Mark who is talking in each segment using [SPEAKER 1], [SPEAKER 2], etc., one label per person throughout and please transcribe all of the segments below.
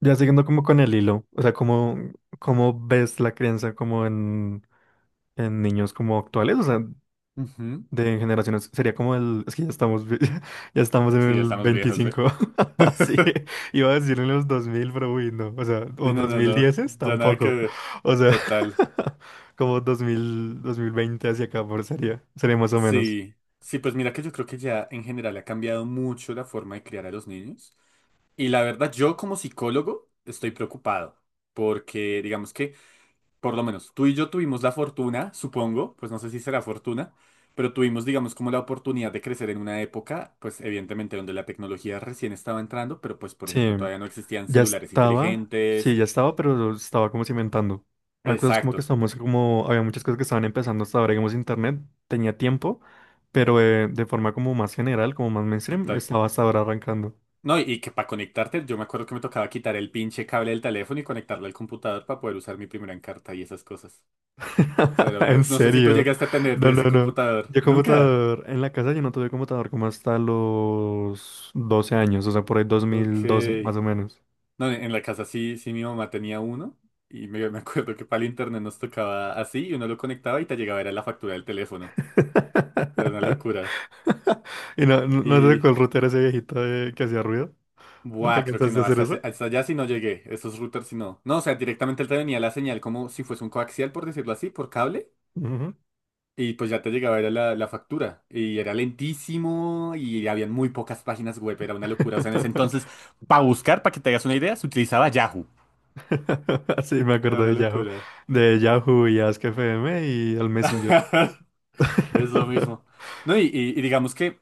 [SPEAKER 1] Ya siguiendo como con el hilo, o sea, ¿cómo ves la crianza como en niños como actuales? O sea,
[SPEAKER 2] Ujú.
[SPEAKER 1] de generaciones, sería como es que ya estamos, ya estamos en
[SPEAKER 2] Sí, ya
[SPEAKER 1] el
[SPEAKER 2] estamos viejos, ¿eh?
[SPEAKER 1] 25. Sí, iba a decir en los dos mil, pero uy, no, o sea,
[SPEAKER 2] Sí,
[SPEAKER 1] o
[SPEAKER 2] no, no, no,
[SPEAKER 1] 2010
[SPEAKER 2] ya nada que
[SPEAKER 1] tampoco,
[SPEAKER 2] ver.
[SPEAKER 1] o sea,
[SPEAKER 2] Total.
[SPEAKER 1] como 2020 hacia acá, por sería más o menos.
[SPEAKER 2] Sí, sí, pues mira que yo creo que ya en general ha cambiado mucho la forma de criar a los niños. Y la verdad, yo como psicólogo estoy preocupado porque digamos que, por lo menos, tú y yo tuvimos la fortuna, supongo, pues no sé si será fortuna, pero tuvimos, digamos, como la oportunidad de crecer en una época, pues evidentemente donde la tecnología recién estaba entrando, pero pues, por
[SPEAKER 1] Sí.
[SPEAKER 2] ejemplo, todavía no existían
[SPEAKER 1] Ya
[SPEAKER 2] celulares
[SPEAKER 1] estaba, sí,
[SPEAKER 2] inteligentes.
[SPEAKER 1] ya estaba, pero estaba como cimentando. Hay cosas como que
[SPEAKER 2] Exacto.
[SPEAKER 1] estamos, como, había muchas cosas que estaban empezando hasta ahora, digamos, internet tenía tiempo, pero de forma como más general, como más mainstream,
[SPEAKER 2] Total.
[SPEAKER 1] estaba hasta ahora arrancando.
[SPEAKER 2] No, y que para conectarte, yo me acuerdo que me tocaba quitar el pinche cable del teléfono y conectarlo al computador para poder usar mi primera Encarta y esas cosas. O sea,
[SPEAKER 1] En
[SPEAKER 2] no sé si tú
[SPEAKER 1] serio.
[SPEAKER 2] llegaste a tener
[SPEAKER 1] No,
[SPEAKER 2] de
[SPEAKER 1] no,
[SPEAKER 2] ese
[SPEAKER 1] no.
[SPEAKER 2] computador.
[SPEAKER 1] Yo
[SPEAKER 2] ¿Nunca?
[SPEAKER 1] computador, en la casa yo no tuve computador como hasta los 12 años, o sea, por ahí dos
[SPEAKER 2] Ok.
[SPEAKER 1] mil doce más o menos.
[SPEAKER 2] No, en la casa sí, sí mi mamá tenía uno y me acuerdo que para el internet nos tocaba así y uno lo conectaba y te llegaba era la factura del teléfono. Era una locura.
[SPEAKER 1] Y no te tocó
[SPEAKER 2] Y...
[SPEAKER 1] el router ese viejito que hacía ruido.
[SPEAKER 2] Buah,
[SPEAKER 1] ¿Nunca
[SPEAKER 2] creo que
[SPEAKER 1] cansaste de
[SPEAKER 2] no,
[SPEAKER 1] hacer
[SPEAKER 2] hasta,
[SPEAKER 1] eso?
[SPEAKER 2] hasta allá sí no llegué, esos routers sí no. No, o sea, directamente él te venía la señal como si fuese un coaxial, por decirlo así, por cable.
[SPEAKER 1] Ujú.
[SPEAKER 2] Y pues ya te llegaba era la factura. Y era lentísimo y habían muy pocas páginas web. Era una locura. O sea, en ese entonces, para buscar, para que te hagas una idea, se utilizaba Yahoo.
[SPEAKER 1] Sí, me
[SPEAKER 2] Era
[SPEAKER 1] acuerdo
[SPEAKER 2] una
[SPEAKER 1] de Yahoo,
[SPEAKER 2] locura.
[SPEAKER 1] de Yahoo y Ask FM y el Messenger.
[SPEAKER 2] Eso mismo. No, y digamos que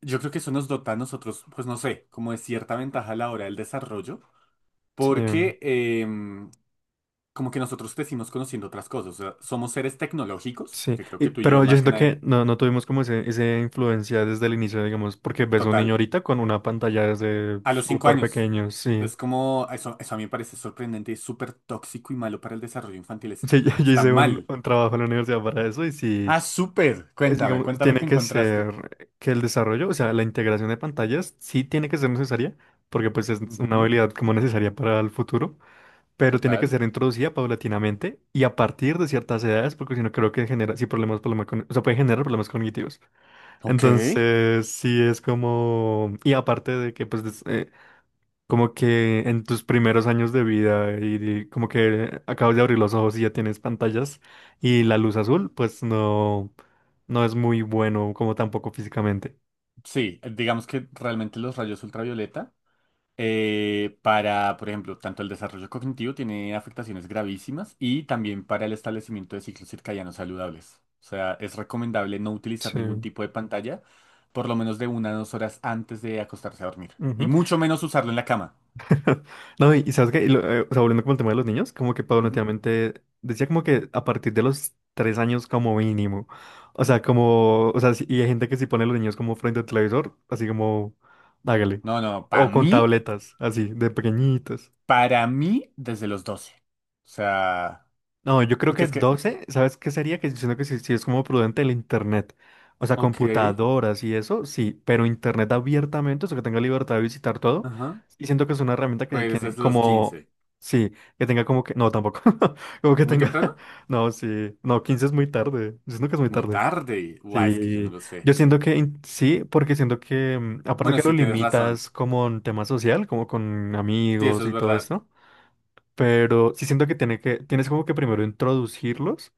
[SPEAKER 2] yo creo que eso nos dota a nosotros, pues no sé, como de cierta ventaja a la hora del desarrollo,
[SPEAKER 1] Sí,
[SPEAKER 2] porque como que nosotros crecimos conociendo otras cosas. O sea, somos seres tecnológicos,
[SPEAKER 1] sí.
[SPEAKER 2] que creo que tú y yo
[SPEAKER 1] Pero yo
[SPEAKER 2] más que
[SPEAKER 1] siento
[SPEAKER 2] nadie.
[SPEAKER 1] que no tuvimos como esa influencia desde el inicio, digamos, porque ves a un niño
[SPEAKER 2] Total.
[SPEAKER 1] ahorita con una pantalla desde
[SPEAKER 2] A los cinco
[SPEAKER 1] súper
[SPEAKER 2] años.
[SPEAKER 1] pequeño, sí.
[SPEAKER 2] Es como, eso a mí me parece sorprendente, es súper tóxico y malo para el desarrollo infantil.
[SPEAKER 1] Sí, yo
[SPEAKER 2] Está
[SPEAKER 1] hice un,
[SPEAKER 2] mal.
[SPEAKER 1] un trabajo en la universidad para eso y sí,
[SPEAKER 2] Ah, súper.
[SPEAKER 1] es,
[SPEAKER 2] Cuéntame,
[SPEAKER 1] digamos,
[SPEAKER 2] cuéntame
[SPEAKER 1] tiene
[SPEAKER 2] qué
[SPEAKER 1] que
[SPEAKER 2] encontraste.
[SPEAKER 1] ser que el desarrollo, o sea, la integración de pantallas sí tiene que ser necesaria, porque pues es una
[SPEAKER 2] Ujú.
[SPEAKER 1] habilidad como necesaria para el futuro. Pero tiene que
[SPEAKER 2] Total.
[SPEAKER 1] ser introducida paulatinamente y a partir de ciertas edades, porque si no creo que genera, sí, problemas, problemas con, o sea, puede generar problemas cognitivos.
[SPEAKER 2] Ok.
[SPEAKER 1] Entonces, sí es como, y aparte de que, pues, como que en tus primeros años de vida y, como que acabas de abrir los ojos y ya tienes pantallas y la luz azul, pues no es muy bueno, como tampoco físicamente.
[SPEAKER 2] Sí, digamos que realmente los rayos ultravioleta. Para, por ejemplo, tanto el desarrollo cognitivo tiene afectaciones gravísimas y también para el establecimiento de ciclos circadianos saludables. O sea, es recomendable no utilizar ningún
[SPEAKER 1] Sí.
[SPEAKER 2] tipo de pantalla por lo menos de 1 a 2 horas antes de acostarse a dormir. Y mucho menos usarlo en la cama.
[SPEAKER 1] No, y sabes qué. O sea, volviendo como el tema de los niños, como que
[SPEAKER 2] Ujú.
[SPEAKER 1] paulatinamente decía como que a partir de los 3 años como mínimo. O sea, como, o sea, y hay gente que si pone a los niños como frente al televisor, así como, hágale.
[SPEAKER 2] No, no,
[SPEAKER 1] O con tabletas, así, de pequeñitos.
[SPEAKER 2] para mí, desde los 12. O sea,
[SPEAKER 1] No, yo creo
[SPEAKER 2] porque
[SPEAKER 1] que
[SPEAKER 2] es que...
[SPEAKER 1] 12. ¿Sabes qué sería? Que siento que sí, sí es como prudente el internet. O sea,
[SPEAKER 2] Ok,
[SPEAKER 1] computadoras y eso, sí, pero internet abiertamente, o sea, que tenga libertad de visitar todo.
[SPEAKER 2] ajá.
[SPEAKER 1] Y siento que es una herramienta que hay
[SPEAKER 2] Pues
[SPEAKER 1] quien,
[SPEAKER 2] desde los
[SPEAKER 1] como,
[SPEAKER 2] 15.
[SPEAKER 1] sí, que tenga como que, no, tampoco, como que
[SPEAKER 2] ¿Muy
[SPEAKER 1] tenga,
[SPEAKER 2] temprano?
[SPEAKER 1] no, sí, no, 15 es muy tarde, yo siento que es muy
[SPEAKER 2] Muy
[SPEAKER 1] tarde.
[SPEAKER 2] tarde. Guau, es que yo no
[SPEAKER 1] Sí,
[SPEAKER 2] lo sé.
[SPEAKER 1] yo siento que sí, porque siento que, aparte
[SPEAKER 2] Bueno,
[SPEAKER 1] que lo
[SPEAKER 2] sí, tienes razón.
[SPEAKER 1] limitas como en tema social, como con
[SPEAKER 2] Sí, eso
[SPEAKER 1] amigos
[SPEAKER 2] es
[SPEAKER 1] y todo
[SPEAKER 2] verdad.
[SPEAKER 1] esto. Pero sí siento que, tienes como que primero introducirlos,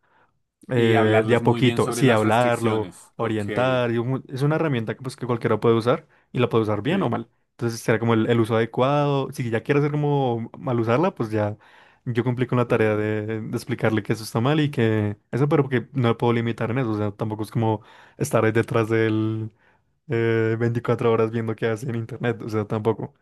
[SPEAKER 2] Y
[SPEAKER 1] de
[SPEAKER 2] hablarles
[SPEAKER 1] a
[SPEAKER 2] muy bien
[SPEAKER 1] poquito,
[SPEAKER 2] sobre
[SPEAKER 1] sí,
[SPEAKER 2] las
[SPEAKER 1] hablarlo,
[SPEAKER 2] restricciones. Ok,
[SPEAKER 1] orientar. Y es una herramienta que, pues, que cualquiera puede usar y la puede usar bien o
[SPEAKER 2] sí.
[SPEAKER 1] mal. Entonces será como el uso adecuado. Si ya quiere hacer como mal usarla, pues ya yo cumplí con la tarea
[SPEAKER 2] Problema.
[SPEAKER 1] de explicarle que eso está mal y que eso, pero que no lo puedo limitar en eso. O sea, tampoco es como estar ahí detrás del 24 horas viendo qué hace en internet. O sea, tampoco.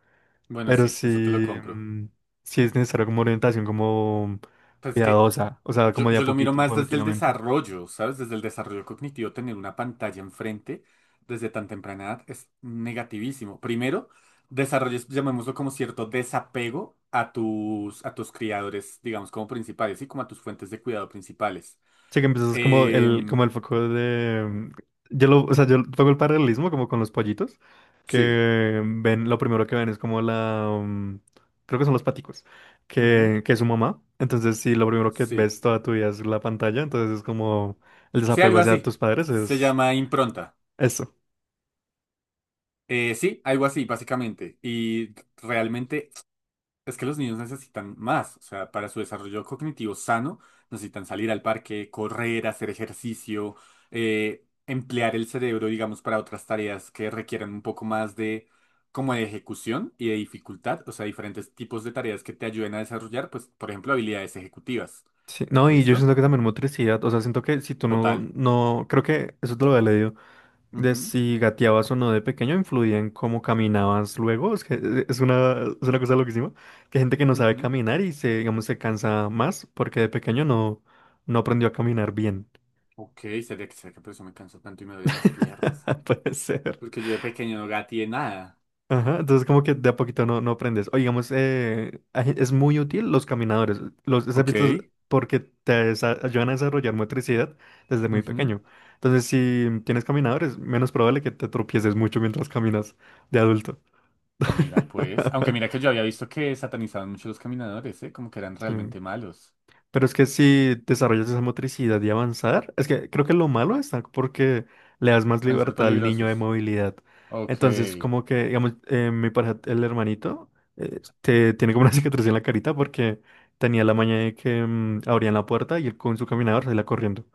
[SPEAKER 2] Bueno,
[SPEAKER 1] Pero
[SPEAKER 2] sí,
[SPEAKER 1] sí,
[SPEAKER 2] eso te lo compro.
[SPEAKER 1] sí es necesario como orientación como
[SPEAKER 2] Pues es que
[SPEAKER 1] cuidadosa, o sea,
[SPEAKER 2] yo,
[SPEAKER 1] como de a
[SPEAKER 2] yo lo miro
[SPEAKER 1] poquito,
[SPEAKER 2] más desde el
[SPEAKER 1] paulatinamente.
[SPEAKER 2] desarrollo, ¿sabes? Desde el desarrollo cognitivo, tener una pantalla enfrente desde tan temprana edad es negativísimo. Primero, desarrolles, llamémoslo como cierto desapego a tus criadores, digamos, como principales y como a tus fuentes de cuidado principales.
[SPEAKER 1] Sí que empiezas
[SPEAKER 2] Em,
[SPEAKER 1] como el foco de... Yo lo, o sea, yo pongo el paralelismo como con los pollitos,
[SPEAKER 2] sí,
[SPEAKER 1] que ven, lo primero que ven es como la... creo que son los paticos,
[SPEAKER 2] ujú,
[SPEAKER 1] que es su mamá. Entonces, si lo primero que
[SPEAKER 2] sí.
[SPEAKER 1] ves toda tu vida es la pantalla, entonces es como el
[SPEAKER 2] Sí,
[SPEAKER 1] desapego
[SPEAKER 2] algo
[SPEAKER 1] hacia
[SPEAKER 2] así.
[SPEAKER 1] tus padres,
[SPEAKER 2] Se
[SPEAKER 1] es
[SPEAKER 2] llama impronta.
[SPEAKER 1] eso.
[SPEAKER 2] Sí, algo así, básicamente. Y realmente es que los niños necesitan más, o sea, para su desarrollo cognitivo sano, necesitan salir al parque, correr, hacer ejercicio, emplear el cerebro, digamos, para otras tareas que requieran un poco más de como de ejecución y de dificultad, o sea, diferentes tipos de tareas que te ayuden a desarrollar, pues, por ejemplo, habilidades ejecutivas.
[SPEAKER 1] Sí, no, y yo
[SPEAKER 2] ¿Listo?
[SPEAKER 1] siento que también motricidad, o sea, siento que si tú no,
[SPEAKER 2] Total.
[SPEAKER 1] no, creo que eso te lo había leído, de
[SPEAKER 2] Ujú,
[SPEAKER 1] si gateabas o no de pequeño influía en cómo caminabas luego, es que es una cosa loquísima, que hay gente que no sabe
[SPEAKER 2] ujú.
[SPEAKER 1] caminar y se, digamos, se cansa más porque de pequeño no aprendió a caminar bien.
[SPEAKER 2] Ok, sería que será que por eso me canso tanto y me duelen las piernas.
[SPEAKER 1] Puede ser.
[SPEAKER 2] Porque yo de pequeño no gateé nada.
[SPEAKER 1] Ajá, entonces como que de a poquito no aprendes. O digamos, es muy útil los caminadores, los has
[SPEAKER 2] Ok.
[SPEAKER 1] porque ayudan a desarrollar motricidad desde muy
[SPEAKER 2] Ujú.
[SPEAKER 1] pequeño. Entonces, si tienes caminadores, menos probable que te tropieces mucho mientras caminas de adulto.
[SPEAKER 2] Mira, pues. Aunque mira que yo había visto que satanizaban mucho los caminadores, ¿eh? Como que eran
[SPEAKER 1] Sí.
[SPEAKER 2] realmente malos.
[SPEAKER 1] Pero es que si desarrollas esa motricidad y avanzar, es que creo que lo malo está porque le das más
[SPEAKER 2] Pueden ser
[SPEAKER 1] libertad al niño de
[SPEAKER 2] peligrosos.
[SPEAKER 1] movilidad.
[SPEAKER 2] Ok.
[SPEAKER 1] Entonces, como que, digamos, mi pareja, el hermanito, tiene como una cicatriz en la carita porque tenía la maña de que abrían la puerta y él con su caminador salía corriendo.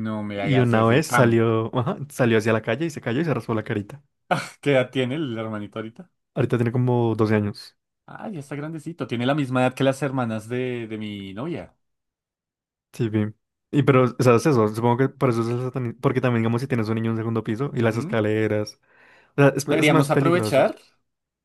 [SPEAKER 2] ¡No me
[SPEAKER 1] Y
[SPEAKER 2] hagas
[SPEAKER 1] una
[SPEAKER 2] eso y
[SPEAKER 1] vez
[SPEAKER 2] pam!
[SPEAKER 1] salió, ajá, salió hacia la calle y se cayó y se raspó la carita.
[SPEAKER 2] ¿Qué edad tiene el hermanito ahorita?
[SPEAKER 1] Ahorita tiene como 12 años.
[SPEAKER 2] Ah, ya está grandecito. Tiene la misma edad que las hermanas de mi novia.
[SPEAKER 1] Sí, bien. Y pero, ¿sabes eso? Supongo que por eso es porque también, digamos, si tienes un niño en segundo piso y las
[SPEAKER 2] Ujú.
[SPEAKER 1] escaleras. O sea, es más
[SPEAKER 2] Deberíamos
[SPEAKER 1] peligroso.
[SPEAKER 2] aprovechar.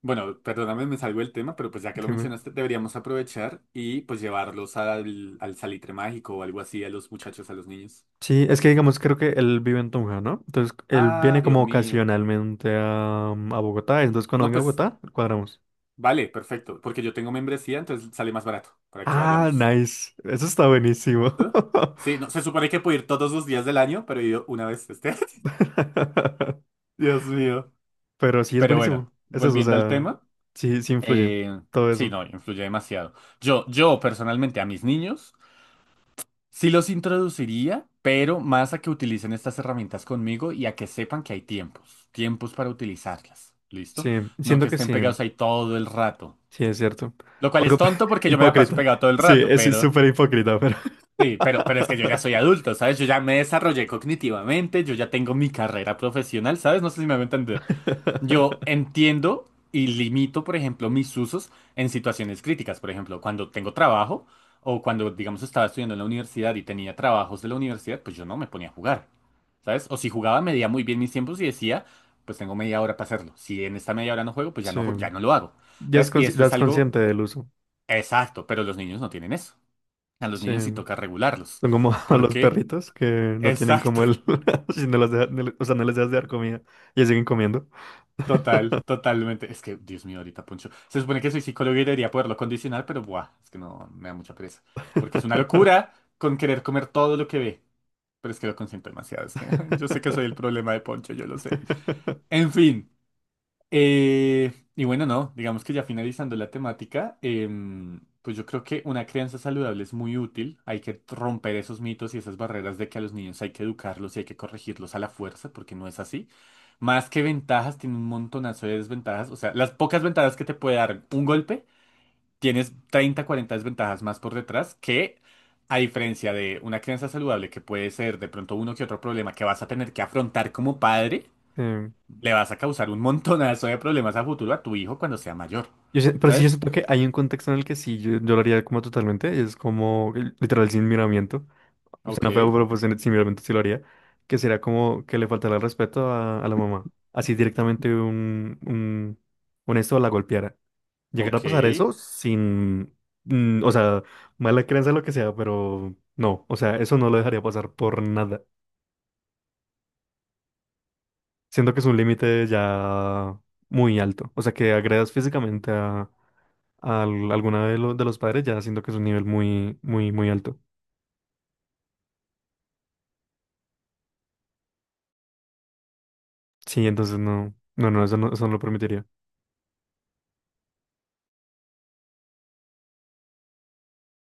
[SPEAKER 2] Bueno, perdóname, me salgo del tema, pero pues ya que lo
[SPEAKER 1] Dime.
[SPEAKER 2] mencionaste, deberíamos aprovechar y pues llevarlos al, al Salitre Mágico o algo así a los muchachos, a los niños.
[SPEAKER 1] Sí,
[SPEAKER 2] No
[SPEAKER 1] es que
[SPEAKER 2] sé si te...
[SPEAKER 1] digamos, creo que él vive en Tunja, ¿no? Entonces, él
[SPEAKER 2] Ah,
[SPEAKER 1] viene
[SPEAKER 2] Dios
[SPEAKER 1] como
[SPEAKER 2] mío.
[SPEAKER 1] ocasionalmente a Bogotá. Entonces, cuando
[SPEAKER 2] No,
[SPEAKER 1] venga a
[SPEAKER 2] pues
[SPEAKER 1] Bogotá, cuadramos.
[SPEAKER 2] vale, perfecto, porque yo tengo membresía, entonces sale más barato para que
[SPEAKER 1] Ah,
[SPEAKER 2] vayamos.
[SPEAKER 1] nice. Eso está buenísimo.
[SPEAKER 2] ¿Eh? Sí, no, se supone que puedo ir todos los días del año, pero he ido una vez este. Dios mío.
[SPEAKER 1] Pero sí, es
[SPEAKER 2] Pero bueno,
[SPEAKER 1] buenísimo. Es eso, o
[SPEAKER 2] volviendo al
[SPEAKER 1] sea,
[SPEAKER 2] tema,
[SPEAKER 1] sí, sí influye
[SPEAKER 2] eh,
[SPEAKER 1] todo
[SPEAKER 2] sí,
[SPEAKER 1] eso.
[SPEAKER 2] no, influye demasiado. Yo personalmente a mis niños sí los introduciría, pero más a que utilicen estas herramientas conmigo y a que sepan que hay tiempos, tiempos para utilizarlas. ¿Listo?
[SPEAKER 1] Sí,
[SPEAKER 2] No que
[SPEAKER 1] siento que
[SPEAKER 2] estén
[SPEAKER 1] sí,
[SPEAKER 2] pegados ahí todo el rato.
[SPEAKER 1] sí es cierto.
[SPEAKER 2] Lo cual es
[SPEAKER 1] Algo
[SPEAKER 2] tonto porque yo me la paso
[SPEAKER 1] hipócrita.
[SPEAKER 2] pegado todo el
[SPEAKER 1] Sí,
[SPEAKER 2] rato,
[SPEAKER 1] es
[SPEAKER 2] pero...
[SPEAKER 1] súper hipócrita, pero...
[SPEAKER 2] Sí, pero es que yo ya soy adulto, ¿sabes? Yo ya me desarrollé cognitivamente, yo ya tengo mi carrera profesional, ¿sabes? No sé si me voy a entender. Yo entiendo y limito, por ejemplo, mis usos en situaciones críticas. Por ejemplo, cuando tengo trabajo o cuando, digamos, estaba estudiando en la universidad y tenía trabajos de la universidad, pues yo no me ponía a jugar, ¿sabes? O si jugaba, medía muy bien mis tiempos y decía, pues tengo media hora para hacerlo. Si en esta media hora no juego, pues ya
[SPEAKER 1] Sí,
[SPEAKER 2] no, ya no lo hago, ¿sabes? Y esto
[SPEAKER 1] ya
[SPEAKER 2] es
[SPEAKER 1] es
[SPEAKER 2] algo
[SPEAKER 1] consciente del uso.
[SPEAKER 2] exacto, pero los niños no tienen eso. A los
[SPEAKER 1] Sí.
[SPEAKER 2] niños sí toca regularlos.
[SPEAKER 1] Son como a los
[SPEAKER 2] Porque,
[SPEAKER 1] perritos que no tienen
[SPEAKER 2] exacto,
[SPEAKER 1] como el... si no las deja- no le- o sea, no les dejas de dar comida y siguen comiendo.
[SPEAKER 2] total, totalmente. Es que, Dios mío, ahorita Poncho. Se supone que soy psicólogo y debería poderlo condicionar, pero buah, es que no me da mucha pereza. Porque es una locura con querer comer todo lo que ve. Pero es que lo consiento demasiado. Es que yo sé que soy el problema de Poncho, yo lo sé. En fin. Y bueno, no, digamos que ya finalizando la temática, pues yo creo que una crianza saludable es muy útil. Hay que romper esos mitos y esas barreras de que a los niños hay que educarlos y hay que corregirlos a la fuerza, porque no es así. Más que ventajas, tiene un montonazo de desventajas. O sea, las pocas ventajas que te puede dar un golpe, tienes 30 40 desventajas más por detrás que, a diferencia de una crianza saludable que puede ser de pronto uno que otro problema que vas a tener que afrontar como padre
[SPEAKER 1] Em,
[SPEAKER 2] le vas a causar un montonazo de problemas a futuro a tu hijo cuando sea mayor.
[SPEAKER 1] pero sí, yo
[SPEAKER 2] ¿Sabes?
[SPEAKER 1] siento que hay un contexto en el que sí, yo lo haría como totalmente. Es como literal sin miramiento. O sea, no feo,
[SPEAKER 2] Ok,
[SPEAKER 1] pero pues sin miramiento sí lo haría. Que sería como que le faltara el respeto a la mamá. Así directamente un esto la golpeara. Llegar a pasar
[SPEAKER 2] ok.
[SPEAKER 1] eso sin, o sea, mala creencia, lo que sea, pero no, o sea, eso no lo dejaría pasar por nada. Siento que es un límite ya muy alto. O sea, que agredas físicamente a alguna de los padres, ya siento que es un nivel muy, muy, muy alto. Sí, entonces no, no, no, eso no, eso no lo permitiría.